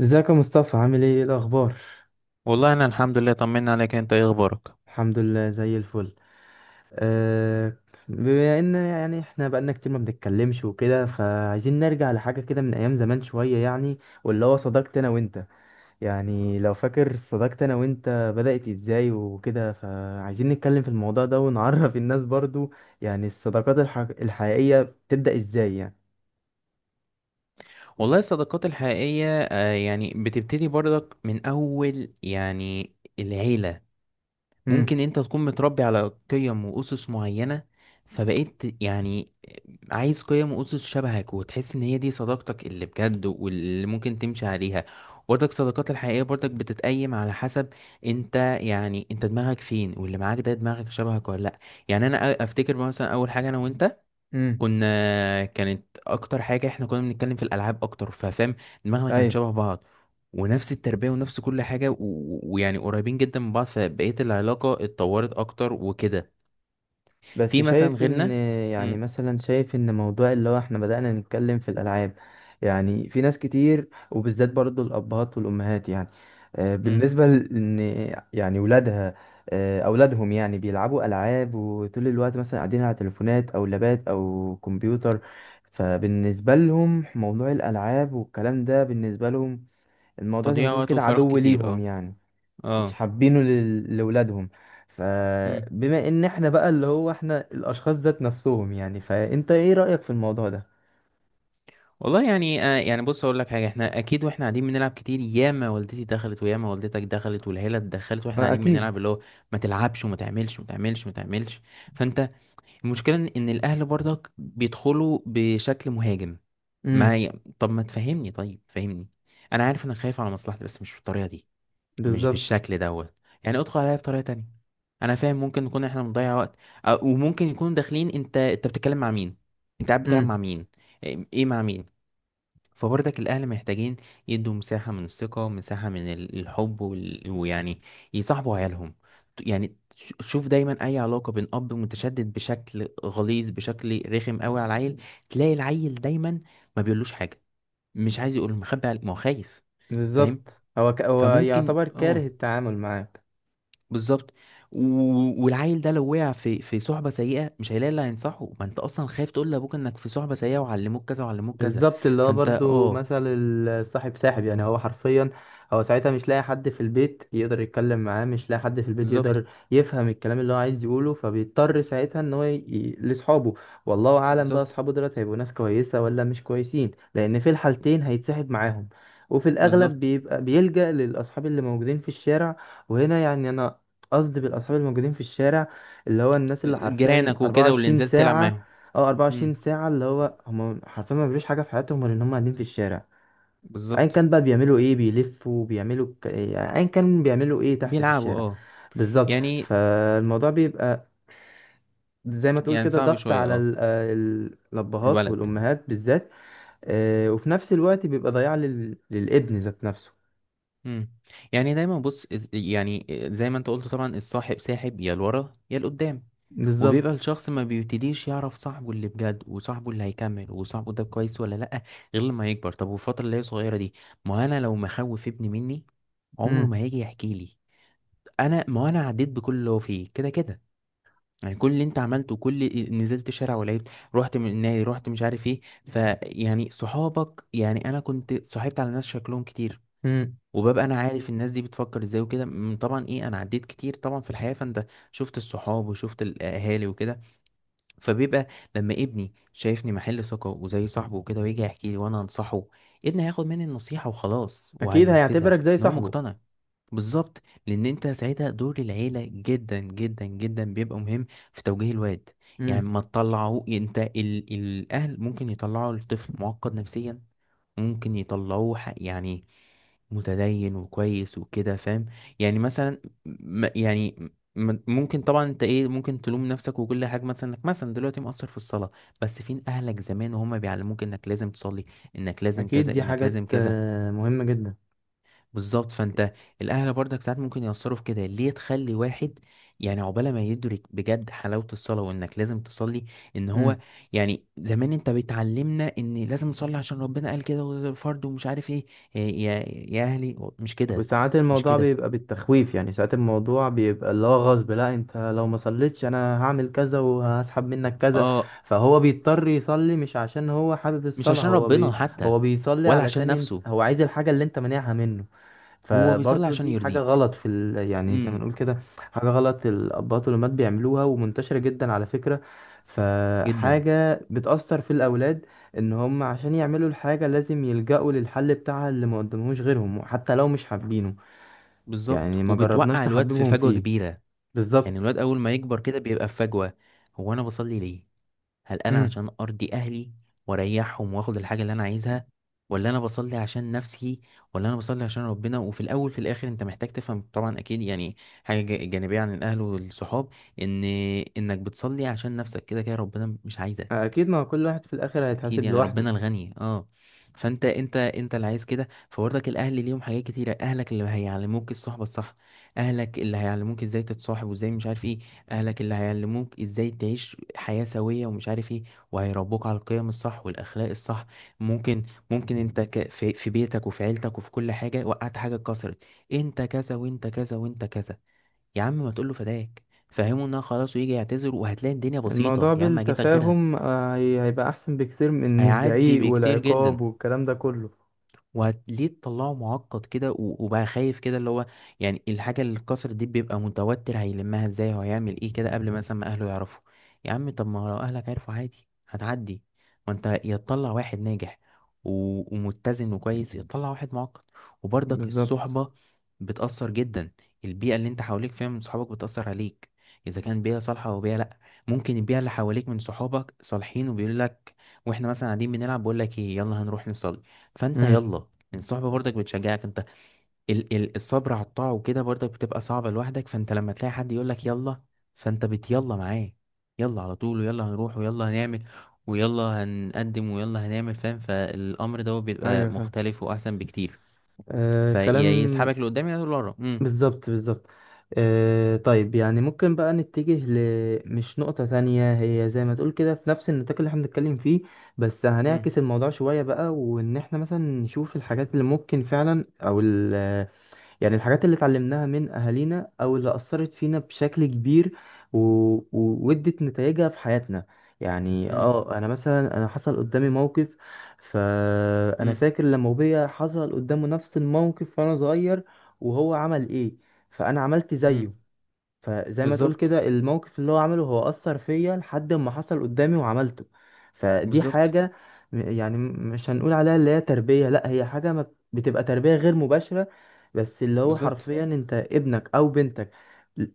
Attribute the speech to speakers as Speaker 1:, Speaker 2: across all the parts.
Speaker 1: ازيك يا مصطفى؟ عامل ايه الاخبار؟
Speaker 2: والله انا الحمد لله، طمنا عليك. انت ايه اخبارك؟
Speaker 1: الحمد لله زي الفل. أه بما ان احنا بقالنا كتير ما بنتكلمش وكده، فعايزين نرجع لحاجه كده من ايام زمان شويه، يعني. واللي هو صداقتي انا وانت، يعني. لو فاكر صداقتي انا وانت بدأت ازاي وكده، فعايزين نتكلم في الموضوع ده ونعرف الناس برضو، يعني الصداقات الحقيقيه بتبدأ ازاي يعني.
Speaker 2: والله الصداقات الحقيقية يعني بتبتدي برضك من اول، يعني العيلة.
Speaker 1: امم.
Speaker 2: ممكن انت تكون متربي على قيم واسس معينة، فبقيت يعني عايز قيم واسس شبهك وتحس ان هي دي صداقتك اللي بجد واللي ممكن تمشي عليها. برضك الصداقات الحقيقية برضك بتتقيم على حسب انت، يعني انت دماغك فين واللي معاك ده دماغك شبهك ولا لا. يعني انا افتكر مثلا اول حاجة انا وانت كنا، كانت اكتر حاجه احنا كنا بنتكلم في الالعاب اكتر، ففاهم دماغنا كانت
Speaker 1: امم.
Speaker 2: شبه بعض ونفس التربيه ونفس كل حاجه، و- و- ويعني قريبين جدا من بعض، فبقيت العلاقه اتطورت اكتر وكده.
Speaker 1: بس
Speaker 2: في مثلا
Speaker 1: شايف ان،
Speaker 2: غيرنا.
Speaker 1: يعني
Speaker 2: امم.
Speaker 1: مثلا شايف ان موضوع اللي هو احنا بدأنا نتكلم في الألعاب، يعني في ناس كتير، وبالذات برضو الأبهات والأمهات، يعني آه،
Speaker 2: امم.
Speaker 1: بالنسبة لأن يعني ولادها، آه، أولادهم يعني بيلعبوا ألعاب وطول الوقت مثلا قاعدين على تليفونات أو لابات أو كمبيوتر. فبالنسبة لهم موضوع الألعاب والكلام ده، بالنسبة لهم الموضوع زي ما
Speaker 2: تضييع
Speaker 1: تقول
Speaker 2: وقت
Speaker 1: كده
Speaker 2: وفراغ
Speaker 1: عدو
Speaker 2: كتير
Speaker 1: ليهم،
Speaker 2: اه.
Speaker 1: يعني مش
Speaker 2: اه.
Speaker 1: حابينه لولادهم.
Speaker 2: امم.
Speaker 1: فبما ان احنا بقى اللي هو احنا الاشخاص ذات نفسهم، يعني فانت ايه رأيك في الموضوع ده؟
Speaker 2: والله يعني يعني بص اقول لك حاجه، احنا اكيد واحنا قاعدين بنلعب كتير، ياما والدتي دخلت وياما والدتك دخلت والعيله دخلت واحنا
Speaker 1: آه،
Speaker 2: قاعدين بنلعب،
Speaker 1: اكيد.
Speaker 2: اللي هو ما تلعبش وما تعملش وما تعملش وما تعملش. فانت، المشكلة إن الأهل برضك بيدخلوا بشكل مهاجم. ما
Speaker 1: امم.
Speaker 2: ي... طب ما تفهمني، طيب فهمني. أنا عارف إنك خايف على مصلحتي، بس مش بالطريقة دي، مش
Speaker 1: بالظبط.
Speaker 2: بالشكل دوت. يعني ادخل عليا بطريقة تانية. أنا فاهم ممكن نكون إحنا بنضيع وقت، وممكن يكونوا داخلين. أنت بتتكلم مع مين؟ أنت قاعد بتلعب مع
Speaker 1: امم.
Speaker 2: مين؟ إيه إيه مع مين؟ فبرضك الأهل محتاجين يدوا مساحة من الثقة، مساحة من الحب ويعني يصاحبوا عيالهم. شوف دايما أي علاقة بين أب متشدد بشكل غليظ بشكل رخم قوي على العيل، تلاقي العيل دايما ما بيقولوش حاجة، مش عايز يقول، ما هو خايف. فاهم.
Speaker 1: بالظبط. هو هو
Speaker 2: فممكن
Speaker 1: يعتبر
Speaker 2: اه.
Speaker 1: كاره التعامل معاه.
Speaker 2: بالظبط. و- والعيل ده لو وقع في صحبة سيئة، مش هيلاقي اللي هينصحه، ما انت اصلا خايف تقول لابوك انك في صحبة سيئة وعلموك كذا وعلموك كذا.
Speaker 1: بالظبط. اللي هو
Speaker 2: فانت
Speaker 1: برضو
Speaker 2: اه.
Speaker 1: مثل الصاحب ساحب، يعني هو حرفيا هو ساعتها مش لاقي حد في البيت يقدر يتكلم معاه، مش لاقي حد في البيت
Speaker 2: بالظبط.
Speaker 1: يقدر يفهم الكلام اللي هو عايز يقوله، فبيضطر ساعتها ان هو لاصحابه. والله اعلم بقى
Speaker 2: بالظبط.
Speaker 1: اصحابه دولت هيبقوا ناس كويسة ولا مش كويسين، لان في الحالتين هيتسحب معاهم. وفي الاغلب
Speaker 2: بالظبط.
Speaker 1: بيبقى بيلجأ للاصحاب اللي موجودين في الشارع. وهنا يعني انا قصدي بالاصحاب الموجودين في الشارع اللي هو الناس اللي حرفيا
Speaker 2: جيرانك وكده واللي
Speaker 1: 24
Speaker 2: نزلت تلعب
Speaker 1: ساعة.
Speaker 2: معاهم.
Speaker 1: اه، 24
Speaker 2: امم.
Speaker 1: ساعة اللي هو هم حرفيا ما بيعملوش حاجة في حياتهم غير ان هم قاعدين في الشارع. ايا
Speaker 2: بالظبط.
Speaker 1: كان بقى بيعملوا ايه، بيلفوا، بيعملوا يعني ايا كان بيعملوا ايه تحت في
Speaker 2: بيلعبوا
Speaker 1: الشارع.
Speaker 2: اه.
Speaker 1: بالظبط.
Speaker 2: يعني،
Speaker 1: فالموضوع بيبقى زي ما تقول
Speaker 2: يعني
Speaker 1: كده
Speaker 2: صعب
Speaker 1: ضغط
Speaker 2: شوية
Speaker 1: على
Speaker 2: اه.
Speaker 1: آه الابهات
Speaker 2: الولد.
Speaker 1: والامهات بالذات. آه، وفي نفس الوقت بيبقى ضياع للابن ذات نفسه.
Speaker 2: امم. يعني دايما بص، يعني زي ما انت قلت طبعا الصاحب ساحب، يا لورا يا لقدام. وبيبقى
Speaker 1: بالظبط.
Speaker 2: الشخص ما بيبتديش يعرف صاحبه اللي بجد، وصاحبه اللي هيكمل، وصاحبه ده كويس ولا لأ، غير لما يكبر. طب والفترة اللي هي صغيرة دي، ما انا لو مخوف ابني مني، عمره ما
Speaker 1: امم.
Speaker 2: هيجي يحكي لي. انا، ما انا عديت بكل اللي هو فيه كده كده. يعني كل اللي انت عملته، نزلت شارع ولعبت، رحت من النادي، رحت مش عارف ايه. فيعني صحابك، يعني انا كنت صاحبت على ناس شكلهم كتير،
Speaker 1: امم.
Speaker 2: وببقى انا عارف الناس دي بتفكر ازاي وكده. طبعا ايه، انا عديت كتير طبعا في الحياة، فانت شفت الصحاب وشفت الاهالي وكده. فبيبقى لما ابني شايفني محل ثقة وزي صاحبه وكده ويجي يحكي لي وانا انصحه، ابني هياخد مني النصيحة وخلاص
Speaker 1: اكيد
Speaker 2: وهينفذها
Speaker 1: هيعتبرك زي
Speaker 2: ان هو
Speaker 1: صاحبه.
Speaker 2: مقتنع. بالظبط. لان انت ساعتها دور العيله جدا جدا جدا بيبقى مهم في توجيه الواد. يعني
Speaker 1: امم.
Speaker 2: ما تطلعوه انت، الاهل ممكن يطلعوا الطفل معقد نفسيا، ممكن يطلعوه يعني متدين وكويس وكده، فاهم. يعني مثلا ممكن طبعا انت ايه، ممكن تلوم نفسك وكل حاجه، مثلا انك مثلا دلوقتي مقصر في الصلاه، بس فين اهلك زمان وهم بيعلموك انك لازم تصلي، انك لازم
Speaker 1: اكيد
Speaker 2: كذا،
Speaker 1: دي
Speaker 2: انك
Speaker 1: حاجات
Speaker 2: لازم كذا.
Speaker 1: آه، مهمة جدا.
Speaker 2: بالظبط فانت، الاهل برضك ساعات ممكن يأثروا في كده، ليه تخلي واحد يعني عقبال ما يدرك بجد حلاوة الصلاة وانك لازم تصلي. ان هو يعني زمان انت بتعلمنا ان لازم نصلي عشان ربنا قال كده، وده فرض ومش عارف ايه. يا اهلي مش كده،
Speaker 1: وساعات
Speaker 2: مش
Speaker 1: الموضوع
Speaker 2: كده
Speaker 1: بيبقى بالتخويف، يعني ساعات الموضوع بيبقى اللي هو غصب. لا انت لو ما صليتش انا هعمل كذا وهسحب منك كذا.
Speaker 2: اه.
Speaker 1: فهو بيضطر يصلي مش عشان هو حابب
Speaker 2: مش
Speaker 1: الصلاة،
Speaker 2: عشان
Speaker 1: هو
Speaker 2: ربنا
Speaker 1: بي،
Speaker 2: حتى،
Speaker 1: هو بيصلي
Speaker 2: ولا عشان
Speaker 1: علشان انت،
Speaker 2: نفسه،
Speaker 1: هو عايز الحاجة اللي انت مانعها منه.
Speaker 2: هو بيصلي
Speaker 1: فبرضه
Speaker 2: عشان
Speaker 1: دي حاجة
Speaker 2: يرضيك.
Speaker 1: غلط في يعني زي ما
Speaker 2: امم.
Speaker 1: نقول كده حاجة غلط الأباء والأمهات بيعملوها، ومنتشرة جدا على فكرة.
Speaker 2: جدا.
Speaker 1: فحاجة بتأثر في الأولاد ان هم عشان يعملوا الحاجة لازم يلجأوا للحل بتاعها اللي ما قدمهوش غيرهم حتى لو مش حابينه. يعني
Speaker 2: بالظبط،
Speaker 1: ما
Speaker 2: وبتوقع
Speaker 1: جربناش
Speaker 2: الواد في
Speaker 1: نحببهم
Speaker 2: فجوة
Speaker 1: فيه.
Speaker 2: كبيرة. يعني
Speaker 1: بالظبط.
Speaker 2: الواد اول ما يكبر كده بيبقى في فجوة: هو انا بصلي ليه؟ هل انا
Speaker 1: امم.
Speaker 2: عشان ارضي اهلي واريحهم واخد الحاجه اللي انا عايزها، ولا انا بصلي عشان نفسي، ولا انا بصلي عشان ربنا؟ وفي الاول في الاخر انت محتاج تفهم طبعا اكيد، يعني حاجه جانبيه عن الاهل والصحاب، ان انك بتصلي عشان نفسك كده كده، ربنا مش عايزك.
Speaker 1: اكيد، ما كل واحد في الاخر
Speaker 2: اكيد
Speaker 1: هيتحاسب
Speaker 2: يعني
Speaker 1: لوحده.
Speaker 2: ربنا الغني اه. فانت، انت اللي عايز كده، فبرضك الاهل ليهم حاجات كتيره. اهلك اللي هيعلموك الصحبه الصح، اهلك اللي هيعلموك ازاي تتصاحب وازاي مش عارف ايه، اهلك اللي هيعلموك ازاي تعيش حياه سويه ومش عارف ايه، وهيربوك على القيم الصح والاخلاق الصح. ممكن، ممكن في بيتك وفي عيلتك وفي كل حاجه وقعت حاجه اتكسرت، انت كذا وانت كذا وانت كذا. يا عم ما تقول له فداك، فهمه انها خلاص ويجي يعتذر، وهتلاقي الدنيا بسيطه،
Speaker 1: الموضوع
Speaker 2: يا عم اجيب لك غيرها.
Speaker 1: بالتفاهم آه، هيبقى احسن بكتير من
Speaker 2: هيعدي
Speaker 1: الزعيق
Speaker 2: بكتير
Speaker 1: والعقاب
Speaker 2: جدا.
Speaker 1: والكلام ده كله.
Speaker 2: وليه تطلعه معقد كده و- وبقى خايف كده، اللي هو يعني الحاجة اللي اتكسرت دي بيبقى متوتر هيلمها ازاي وهيعمل ايه كده قبل مثلا ما اهله يعرفوا. يا عم، طب ما لو اهلك عرفوا عادي هتعدي. ما انت يا تطلع واحد ناجح و- ومتزن وكويس، يا تطلع واحد معقد. وبرضك
Speaker 1: بالظبط.
Speaker 2: الصحبة بتأثر جدا. البيئة اللي انت حواليك فيها من صحابك بتأثر عليك، اذا كان بيئة صالحة او بيئة لا. ممكن البيئة اللي حواليك من صحابك صالحين وبيقول لك، واحنا مثلا قاعدين بنلعب، بقول لك ايه يلا هنروح نصلي، فانت
Speaker 1: امم.
Speaker 2: يلا. الصحبة برضك بتشجعك انت. ال ال الصبر على الطاعة وكده برضك بتبقى صعبة لوحدك، فانت لما تلاقي حد يقولك يلا، فانت بتيلا معاه. يلا على طول، ويلا هنروح، ويلا هنعمل، ويلا هنقدم، ويلا هنعمل، فاهم، فالأمر ده
Speaker 1: ايوه
Speaker 2: بيبقى
Speaker 1: فاهم.
Speaker 2: مختلف وأحسن بكتير.
Speaker 1: آه كلام.
Speaker 2: فيسحبك لقدام يا لورا. امم.
Speaker 1: بالظبط، بالظبط. آه طيب، يعني ممكن بقى نتجه ل، مش نقطة تانية هي زي ما تقول كده في نفس النطاق اللي احنا بنتكلم فيه، بس
Speaker 2: امم.
Speaker 1: هنعكس الموضوع شوية بقى، وإن إحنا مثلا نشوف الحاجات اللي ممكن فعلا أو ال، يعني الحاجات اللي اتعلمناها من أهالينا أو اللي أثرت فينا بشكل كبير و... و- وادت نتائجها في حياتنا. يعني
Speaker 2: امم.
Speaker 1: اه انا مثلا حصل قدامي موقف، فانا
Speaker 2: امم.
Speaker 1: فاكر لما ابويا حصل قدامه نفس الموقف وانا صغير وهو عمل ايه، فانا عملت
Speaker 2: امم.
Speaker 1: زيه. فزي ما تقول
Speaker 2: بالظبط.
Speaker 1: كده الموقف اللي هو عمله هو أثر فيا لحد ما حصل قدامي وعملته. فدي
Speaker 2: بالظبط.
Speaker 1: حاجة مش هنقول عليها اللي هي تربية، لا، هي حاجة ما، بتبقى تربية غير مباشرة. بس اللي هو
Speaker 2: بالظبط.
Speaker 1: حرفيا انت ابنك او بنتك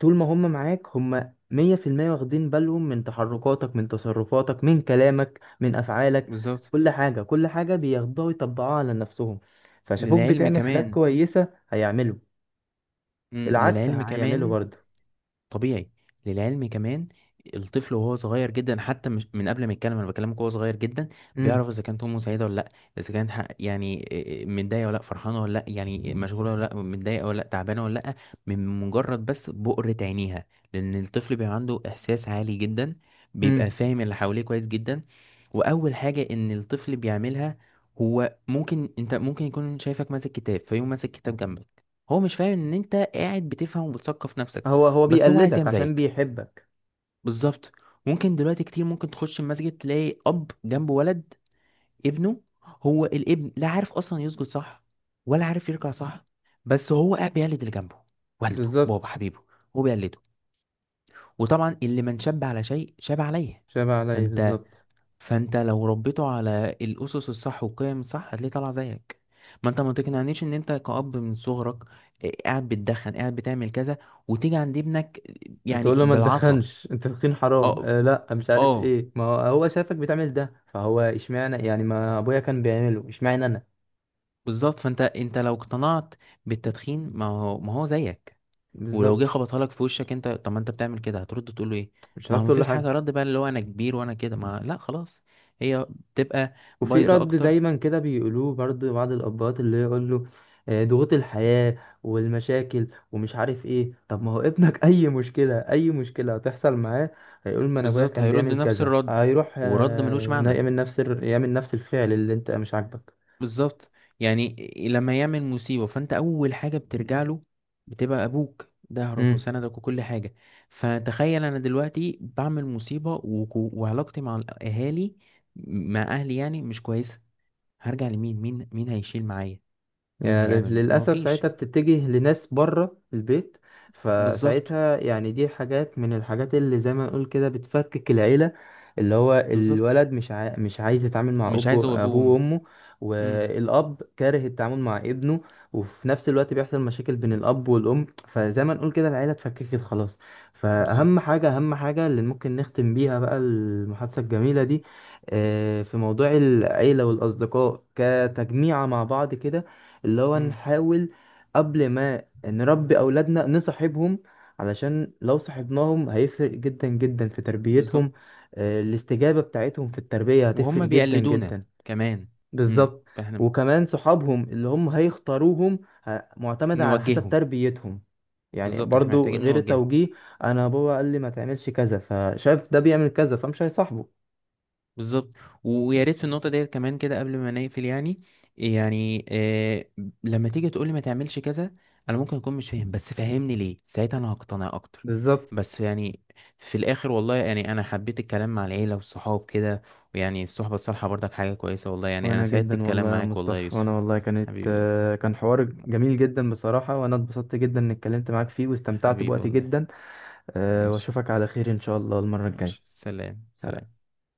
Speaker 1: طول ما هم معاك هم مية في المية واخدين بالهم من تحركاتك، من تصرفاتك، من كلامك، من أفعالك.
Speaker 2: بالظبط.
Speaker 1: كل حاجة، كل حاجة بياخدوها ويطبقوها على نفسهم. فشافوك
Speaker 2: للعلم
Speaker 1: بتعمل حاجات
Speaker 2: كمان.
Speaker 1: كويسة هيعملوا،
Speaker 2: امم،
Speaker 1: العكس
Speaker 2: للعلم
Speaker 1: هيعملوا
Speaker 2: كمان.
Speaker 1: برضه.
Speaker 2: طبيعي. للعلم كمان. الطفل وهو صغير جدا، حتى مش من قبل ما يتكلم انا بكلمك وهو صغير جدا، بيعرف اذا كانت امه سعيده ولا لا، اذا كانت يعني إيه، متضايقه ولا لا، فرحانه ولا لا، يعني مشغوله ولا لا، متضايقه ولا لا، تعبانه ولا لا، من مجرد بس بؤرة عينيها، لان الطفل بيبقى عنده احساس عالي جدا، بيبقى
Speaker 1: امم.
Speaker 2: فاهم اللي حواليه كويس جدا. واول حاجه ان الطفل بيعملها، هو ممكن، انت ممكن يكون شايفك ماسك كتاب فيقوم ماسك كتاب جنبك، هو مش فاهم ان انت قاعد بتفهم وبتثقف نفسك،
Speaker 1: هو
Speaker 2: بس هو عايز
Speaker 1: بيقلدك
Speaker 2: يعمل
Speaker 1: عشان
Speaker 2: زيك.
Speaker 1: بيحبك.
Speaker 2: بالظبط. ممكن دلوقتي كتير ممكن تخش المسجد تلاقي اب جنبه ولد، ابنه، هو الابن لا عارف اصلا يسجد صح ولا عارف يركع صح، بس هو قاعد بيقلد اللي جنبه، والده، بابا
Speaker 1: بالظبط.
Speaker 2: حبيبه، هو بيقلده. وطبعا اللي من شاب على شيء شاب عليه.
Speaker 1: شبه عليا،
Speaker 2: فانت،
Speaker 1: بالظبط.
Speaker 2: فانت لو ربيته على الاسس الصح والقيم الصح هتلاقيه طالع زيك. ما انت ما تقنعنيش ان انت كأب من صغرك قاعد بتدخن، قاعد بتعمل كذا، وتيجي عند ابنك
Speaker 1: انت تقول
Speaker 2: يعني
Speaker 1: له ما
Speaker 2: بالعصا.
Speaker 1: تدخنش، انت تدخين حرام
Speaker 2: اه.
Speaker 1: آه لا مش عارف
Speaker 2: اه.
Speaker 1: ايه، ما هو هو شافك بتعمل ده، فهو اشمعنى؟ يعني ما ابويا كان بيعمله اشمعنى انا؟
Speaker 2: بالظبط. فانت، انت لو اقتنعت بالتدخين، ما هو، ما هو زيك. ولو
Speaker 1: بالظبط.
Speaker 2: جه خبطها لك في وشك انت، طب ما انت بتعمل كده، هترد تقول له ايه؟
Speaker 1: مش
Speaker 2: ما
Speaker 1: هتعرف
Speaker 2: هو
Speaker 1: تقول له
Speaker 2: مفيش
Speaker 1: حاجه.
Speaker 2: حاجه، رد بقى اللي هو انا كبير وانا كده، ما لا خلاص. هي بتبقى
Speaker 1: وفي
Speaker 2: بايظه
Speaker 1: رد
Speaker 2: اكتر.
Speaker 1: دايما كده بيقولوه برضه بعض الابهات، اللي يقول له آه، ضغوط الحياة والمشاكل ومش عارف ايه. طب ما هو ابنك اي مشكلة، اي مشكلة هتحصل معاه هيقول ما انا ابويا
Speaker 2: بالظبط.
Speaker 1: كان
Speaker 2: هيرد
Speaker 1: بيعمل
Speaker 2: نفس
Speaker 1: كذا،
Speaker 2: الرد،
Speaker 1: هيروح
Speaker 2: ورد ملوش
Speaker 1: آه،
Speaker 2: معنى.
Speaker 1: يعمل نفس يعمل نفس الفعل اللي انت مش عاجبك.
Speaker 2: بالظبط. يعني إيه، لما يعمل مصيبة فانت اول حاجة بترجع له، بتبقى ابوك ظهرك وسندك وكل حاجة. فتخيل انا دلوقتي بعمل مصيبة، وعلاقتي مع الاهالي، مع اهلي يعني مش كويسة، هرجع لمين؟ مين هيشيل معايا؟ مين
Speaker 1: يعني
Speaker 2: هيعمل معايا؟ ما هو
Speaker 1: للأسف ساعتها
Speaker 2: فيش.
Speaker 1: بتتجه لناس بره البيت.
Speaker 2: بالظبط.
Speaker 1: فساعتها يعني دي حاجات من الحاجات اللي زي ما نقول كده بتفكك العيلة. اللي هو
Speaker 2: بالظبط.
Speaker 1: الولد مش عايز يتعامل مع
Speaker 2: مش عايز هو
Speaker 1: أبوه،
Speaker 2: ابوه
Speaker 1: أبوه
Speaker 2: وامه.
Speaker 1: وأمه،
Speaker 2: امم.
Speaker 1: والأب كاره التعامل مع ابنه، وفي نفس الوقت بيحصل مشاكل بين الأب والأم، فزي ما نقول كده العيلة اتفككت خلاص. فأهم
Speaker 2: بالظبط.
Speaker 1: حاجة، أهم حاجة اللي ممكن نختم بيها بقى المحادثة الجميلة دي، آه، في موضوع العيلة والأصدقاء كتجميعة مع بعض كده، اللي هو
Speaker 2: امم.
Speaker 1: نحاول قبل ما نربي أولادنا نصاحبهم، علشان لو صاحبناهم هيفرق جدا جدا في
Speaker 2: بالظبط.
Speaker 1: تربيتهم. آه، الاستجابة بتاعتهم في التربية هتفرق
Speaker 2: وهم
Speaker 1: جدا
Speaker 2: بيقلدونا
Speaker 1: جدا.
Speaker 2: كمان. امم.
Speaker 1: بالظبط.
Speaker 2: فاحنا
Speaker 1: وكمان صحابهم اللي هم هيختاروهم معتمدة على حسب
Speaker 2: نوجههم.
Speaker 1: تربيتهم، يعني
Speaker 2: بالظبط، احنا
Speaker 1: برضو
Speaker 2: محتاجين
Speaker 1: غير
Speaker 2: نوجههم.
Speaker 1: التوجيه. انا بابا قال لي ما تعملش كذا، فشاف ده بيعمل كذا فمش هيصاحبه.
Speaker 2: بالظبط. ويا ريت في النقطة ديت كمان كده قبل ما نقفل، يعني لما تيجي تقولي ما تعملش كذا، انا ممكن اكون مش فاهم، بس فهمني ليه، ساعتها انا هقتنع اكتر.
Speaker 1: بالظبط.
Speaker 2: بس يعني في الاخر، والله يعني انا حبيت الكلام مع العيلة والصحاب كده، ويعني الصحبة الصالحة برضك حاجة كويسة. والله يعني انا
Speaker 1: وانا
Speaker 2: سعدت
Speaker 1: جدا
Speaker 2: الكلام
Speaker 1: والله يا
Speaker 2: معاك، والله يا
Speaker 1: مصطفى، وانا
Speaker 2: يوسف.
Speaker 1: والله كانت
Speaker 2: حبيبي يا يوسف.
Speaker 1: آه، كان حوار جميل جدا بصراحة، وانا اتبسطت جدا اني اتكلمت معاك فيه واستمتعت
Speaker 2: حبيبي
Speaker 1: بوقتي
Speaker 2: والله.
Speaker 1: جدا. آه،
Speaker 2: ماشي.
Speaker 1: واشوفك على خير ان شاء الله المرة
Speaker 2: ماشي،
Speaker 1: الجاية.
Speaker 2: سلام سلام.